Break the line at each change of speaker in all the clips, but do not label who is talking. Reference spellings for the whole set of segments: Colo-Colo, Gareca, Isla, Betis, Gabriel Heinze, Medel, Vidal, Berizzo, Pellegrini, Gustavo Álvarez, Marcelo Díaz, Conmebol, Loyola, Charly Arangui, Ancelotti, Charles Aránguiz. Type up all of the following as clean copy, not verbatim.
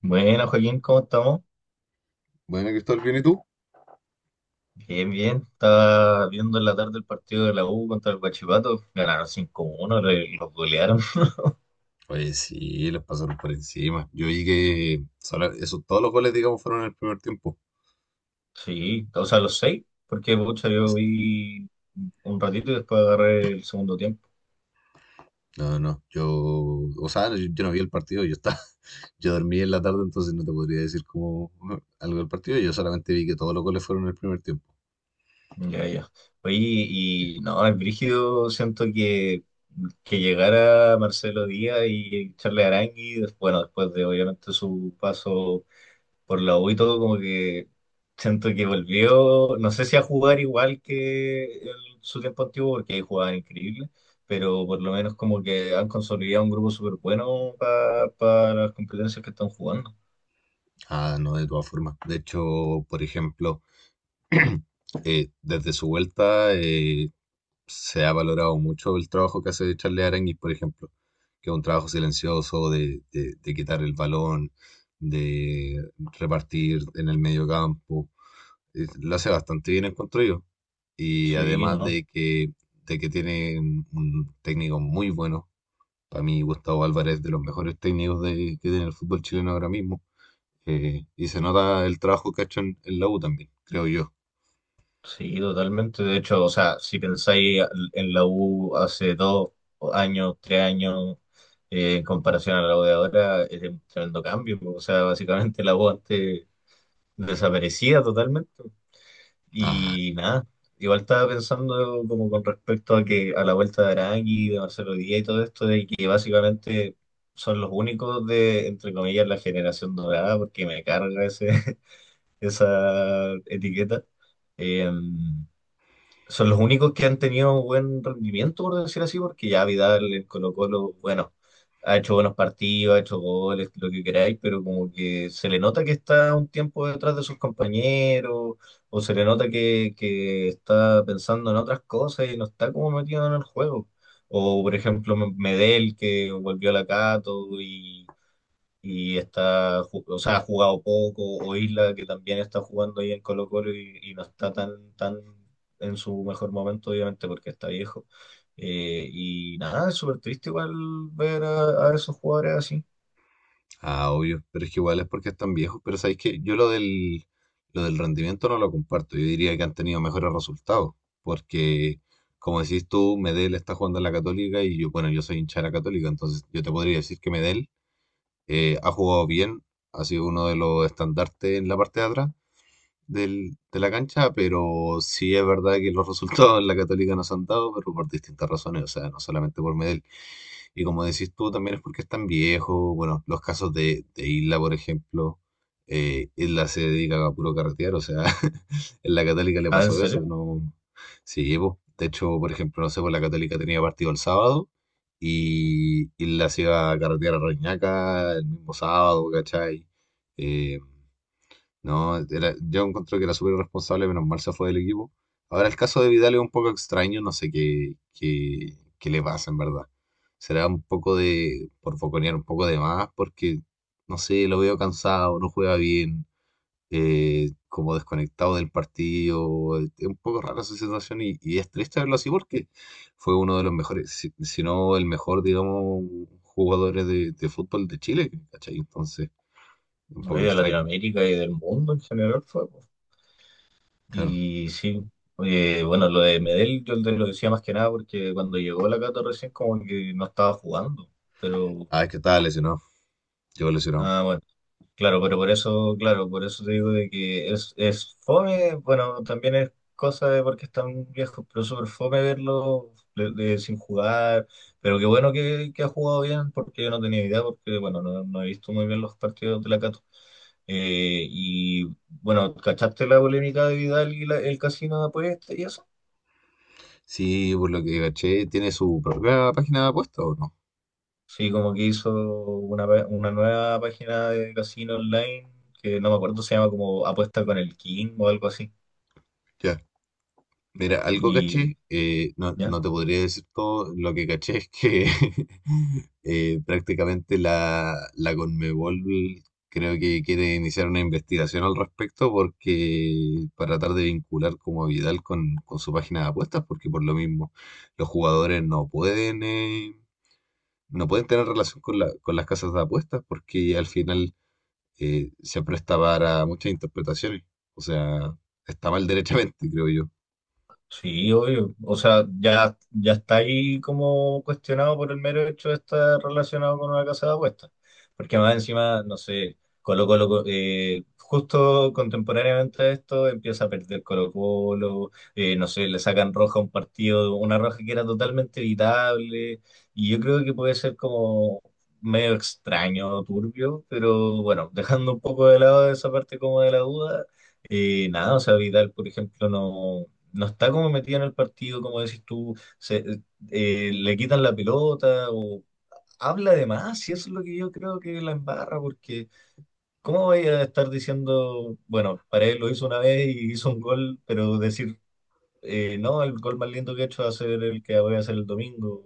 Bueno, Joaquín, ¿cómo estamos?
Bueno, Cristóbal, ¿bien y tú?
Bien, bien. Estaba viendo en la tarde el partido de la U contra el Guachipato. Ganaron cinco uno los golearon.
Oye, sí, les pasaron por encima. Yo vi que eso, todos los goles, digamos, fueron en el primer tiempo.
Sí, o sea, los seis, porque pucha, yo vi un ratito y después agarré el segundo tiempo.
No, no, yo, o sea, yo no vi el partido, yo estaba, yo dormí en la tarde, entonces no te podría decir como algo del partido, yo solamente vi que todos los goles fueron en el primer tiempo.
Ya, ya. Oye,
Sí.
y no, el brígido, siento que llegara Marcelo Díaz y Charly Arangui, bueno, después de obviamente su paso por la U y todo, como que siento que volvió, no sé si a jugar igual que en su tiempo antiguo, porque ahí jugaban increíble, pero por lo menos como que han consolidado un grupo súper bueno para las competencias que están jugando.
Ah, no, de todas formas. De hecho, por ejemplo, desde su vuelta, se ha valorado mucho el trabajo que hace Charles Aránguiz, por ejemplo, que es un trabajo silencioso de quitar el balón, de repartir en el medio campo. Lo hace bastante bien, encuentro yo. Y
Sí,
además
no,
de que tiene un técnico muy bueno. Para mí, Gustavo Álvarez, de los mejores técnicos que tiene el fútbol chileno ahora mismo. Y se nota el trabajo que ha hecho en la U también, creo yo.
sí, totalmente. De hecho, o sea, si pensáis en la U hace dos años, tres años, en comparación a la U de ahora, es un tremendo cambio. O sea, básicamente la U antes desaparecía totalmente.
Ah,
Y nada, igual estaba pensando como con respecto a que a la vuelta de Arangui, de Marcelo Díaz y todo esto, de que básicamente son los únicos de, entre comillas, la generación dorada, porque me carga ese, esa etiqueta. Eh, Son los únicos que han tenido buen rendimiento, por decir así, porque ya Vidal en Colo-Colo, bueno, ha hecho buenos partidos, ha hecho goles, lo que queráis, pero como que se le nota que está un tiempo detrás de sus compañeros, o se le nota que está pensando en otras cosas y no está como metido en el juego. O, por ejemplo, Medel, que volvió a la Cato y o sea, ha jugado poco, o Isla que también está jugando ahí en Colo-Colo y no está tan en su mejor momento, obviamente, porque está viejo. Y nada, es súper triste igual ver a esos jugadores así.
Obvio, pero es que igual es porque están viejos. Pero sabéis que yo lo del rendimiento no lo comparto. Yo diría que han tenido mejores resultados. Porque, como decís tú, Medel está jugando en la Católica y yo, bueno, yo soy hincha de la Católica, entonces yo te podría decir que Medel ha jugado bien, ha sido uno de los estandartes en la parte de atrás de la cancha, pero sí es verdad que los resultados en la Católica nos han dado, pero por distintas razones, o sea, no solamente por Medel. Y como decís tú, también es porque están viejos. Bueno, los casos de Isla, por ejemplo, Isla se dedica a puro carretear, o sea, en la Católica le
Ah, ¿en
pasó eso,
serio?
no. Sí, pues, de hecho, por ejemplo, no sé, pues la Católica tenía partido el sábado y Isla se iba a carretear a Reñaca el mismo sábado, ¿cachai? Eh, no, era- Yo encontré que era súper irresponsable, menos mal se fue del equipo. Ahora el caso de Vidal es un poco extraño, no sé qué le pasa en verdad. Será un poco de, por foconear un poco de más, porque, no sé, lo veo cansado, no juega bien, como desconectado del partido. Es un poco rara su situación y es triste verlo así porque fue uno de los mejores, si no el mejor, digamos, jugadores de fútbol de Chile, ¿cachai? Entonces, un
No, y
poco
de
extraño.
Latinoamérica y del mundo en general fue. Po.
Claro.
Y sí, bueno, lo de Medel yo te lo decía más que nada porque cuando llegó la Cato recién como que no estaba jugando, pero
Ah, es que estaba lesionado. ¿Qué lesionado?
nada, bueno. Claro, pero por eso, claro, por eso te digo de que es fome, bueno, también es cosa de porque están viejos, pero es súper fome verlo sin jugar, pero qué bueno que ha jugado bien, porque yo no tenía idea, porque bueno, no he visto muy bien los partidos de la Cato. Eh, y bueno, ¿cachaste la polémica de Vidal y el casino de apuestas y eso?
Sí, por lo que caché, tiene su propia página de apuestas o no.
Sí, como que hizo una, una nueva página de casino online, que no me acuerdo, se llama como Apuesta con el King o algo así,
Ya. Mira, algo
y...
caché, no,
¿ya?
no te podría decir todo, lo que caché es que prácticamente la Conmebol creo que quiere iniciar una investigación al respecto porque para tratar de vincular como a Vidal con su página de apuestas, porque por lo mismo los jugadores no pueden, no pueden tener relación con con las casas de apuestas porque al final se presta para muchas interpretaciones. O sea, está mal derechamente, creo yo.
Sí, obvio. O sea, ya, ya está ahí como cuestionado por el mero hecho de estar relacionado con una casa de apuestas. Porque más encima, no sé, Colo Colo, justo contemporáneamente a esto empieza a perder Colo Colo, no sé, le sacan roja a un partido, una roja que era totalmente evitable. Y yo creo que puede ser como medio extraño, turbio, pero bueno, dejando un poco de lado esa parte como de la duda. Nada, o sea, Vidal, por ejemplo, no está como metida en el partido, como decís tú, se, le quitan la pelota o habla de más, y eso es lo que yo creo que la embarra, porque ¿cómo voy a estar diciendo, bueno, para lo hizo una vez y hizo un gol, pero decir, no, el gol más lindo que he hecho va a ser el que voy a hacer el domingo,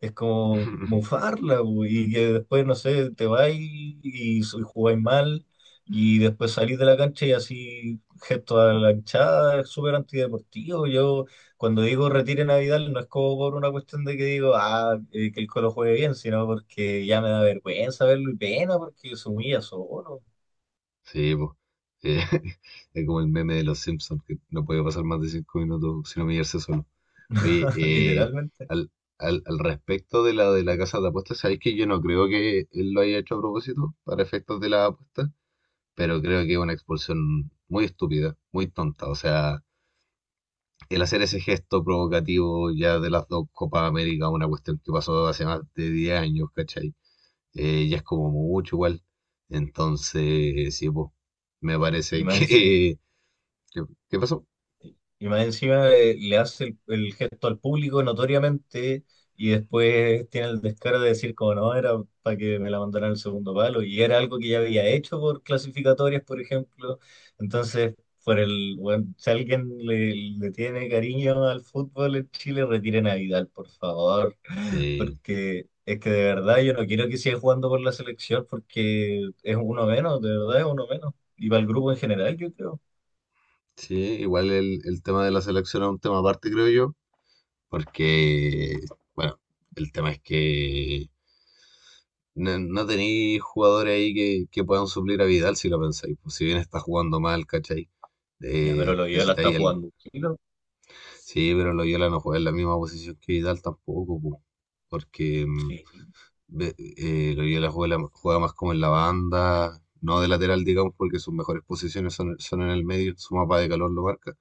es como bufarla, bu, y que después, no sé, te vas y jugáis mal, y después salís de la cancha y así, gesto a la hinchada, es súper antideportivo. Yo, cuando digo retiren a Vidal, no es como por una cuestión de que digo, ah, que el Colo juegue bien, sino porque ya me da vergüenza verlo y pena porque se humilla solo,
Sí, pues. Eh, es como el meme de los Simpsons, que no puede pasar más de cinco minutos sin humillarse solo. Oye,
literalmente.
al, al respecto de la casa de apuestas, sabéis que yo no creo que él lo haya hecho a propósito para efectos de la apuesta, pero creo que es una expulsión muy estúpida, muy tonta. O sea, el hacer ese gesto provocativo ya de las dos Copas América, una cuestión que pasó hace más de 10 años, ¿cachai? Ya es como mucho igual. Entonces, sí, pues, me
Y
parece
más encima
que... ¿Qué, qué pasó?
Y más encima le hace el gesto al público notoriamente y después tiene el descaro de decir como no, era para que me la mandaran al segundo palo y era algo que ya había hecho por clasificatorias, por ejemplo. Entonces, por el, bueno, si alguien le tiene cariño al fútbol en Chile, retiren a Vidal, por favor,
Sí,
porque es que de verdad yo no quiero que siga jugando por la selección porque es uno menos, de verdad es uno menos. Y para el grupo en general, yo creo.
sí, igual el tema de la selección es un tema aparte, creo yo, porque, bueno, el tema es que no, no tenéis jugadores ahí que puedan suplir a Vidal si lo pensáis, pues, si bien está jugando mal, ¿cachai?
Ya, pero
Eh,
lo la está
necesitáis al-
jugando.
Sí, pero Loyola no juega en la misma posición que Vidal tampoco, po, porque
Sí,
Loyola juega, juega más como en la banda, no de lateral, digamos, porque sus mejores posiciones son, son en el medio, su mapa de calor lo marca,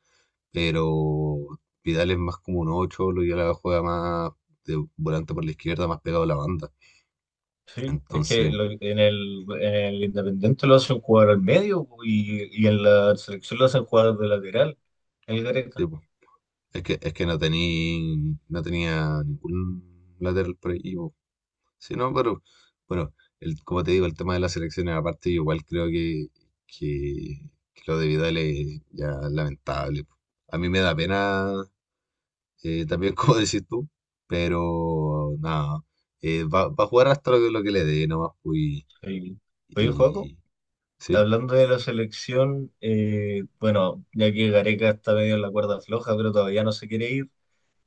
pero Vidal es más como un 8, Loyola juega más de volante por la izquierda, más pegado a la banda.
sí, es que
Entonces,
en en el Independiente lo hacen jugar al medio y en la selección lo hacen jugar de lateral, el
sí,
Gareca.
po, es que no, no tenía ningún lateral por ahí. Sí, no, pero bueno, como te digo, el tema de las elecciones, aparte, yo igual creo que, que lo de Vidal es ya lamentable, po. A mí me da pena también, como decís tú, pero nada, va a jugar hasta lo que le dé, nomás, pues,
Sí. Oye, Joaco,
y sí,
hablando de la selección, bueno, ya que Gareca está medio en la cuerda floja, pero todavía no se quiere ir,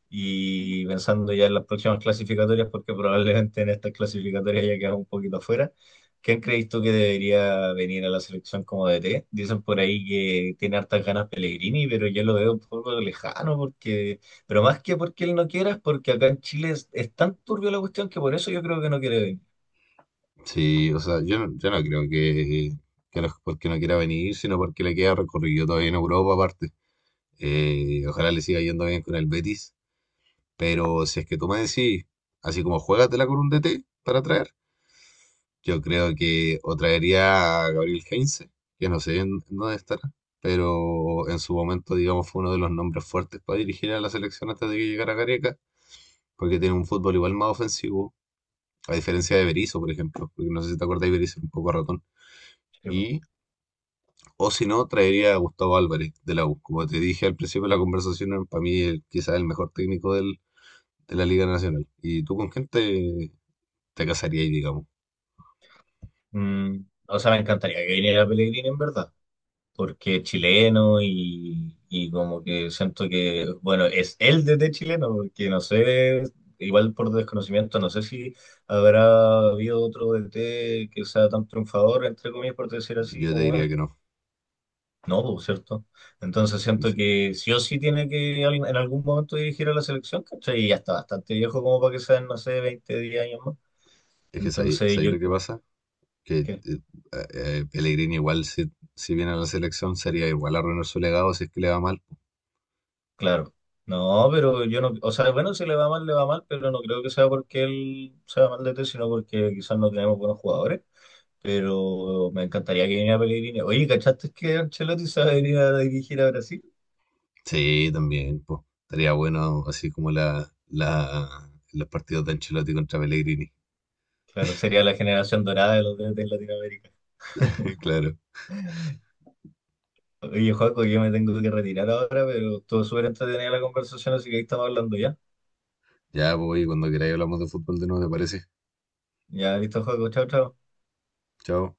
y pensando ya en las próximas clasificatorias, porque probablemente en estas clasificatorias ya quedas un poquito afuera. ¿Quién crees tú que debería venir a la selección como DT? Dicen por ahí que tiene hartas ganas Pellegrini, pero yo lo veo un poco lejano, porque, pero más que porque él no quiera, es porque acá en Chile es tan turbio la cuestión que por eso yo creo que no quiere venir.
sí, o sea, yo no, yo no creo que no es porque no quiera venir, sino porque le queda recorrido todavía en Europa, aparte. Ojalá le siga yendo bien con el Betis. Pero si es que tú me decís, así como juégatela con un DT para traer, yo creo que o traería a Gabriel Heinze, que no sé en dónde estará, pero en su momento, digamos, fue uno de los nombres fuertes para dirigir a la selección antes de que llegara Gareca, porque tiene un fútbol igual más ofensivo, a diferencia de Berizzo, por ejemplo, porque no sé si te acuerdas, de Berizzo un poco ratón.
Sí, po.
Y, o si no, traería a Gustavo Álvarez de la U. Como te dije al principio de la conversación, para mí quizás el mejor técnico de la Liga Nacional. ¿Y tú con quién te casarías, digamos?
Mm, o sea, me encantaría que viniera Pellegrini en verdad. Porque es chileno y como que siento que, bueno, es él desde chileno, porque no sé, igual por desconocimiento, no sé si habrá habido otro DT que sea tan triunfador, entre comillas, por decir así,
Yo te
como
diría
él.
que no.
No, pues, ¿cierto? Entonces siento
Sí.
que sí o sí tiene que en algún momento dirigir a la selección, ¿cachai? Y ya está bastante viejo como para que sean, no sé, 20 10 años más.
Es que
Entonces
sabéis
yo...
lo que pasa, que Pellegrini igual si viene a la selección sería igual arruinar su legado si es que le va mal.
Claro. No, pero yo no, o sea, bueno, si le va mal, le va mal, pero no creo que sea porque él sea mal de té, sino porque quizás no tenemos buenos jugadores. Pero me encantaría que viniera Pellegrini. Oye, ¿cachaste que Ancelotti se va a venir a dirigir a Brasil?
Sí, también, pues. Estaría bueno así como los partidos de Ancelotti contra Pellegrini.
Claro, sería la generación dorada de los DT en Latinoamérica.
Claro.
Oye, Joaco, yo me tengo que retirar ahora, pero estuvo súper entretenida la conversación, así que ahí estamos hablando ya.
Ya, voy, cuando queráis hablamos de fútbol de nuevo, ¿te parece?
Ya, listo, Joaco, chao, chao.
Chao.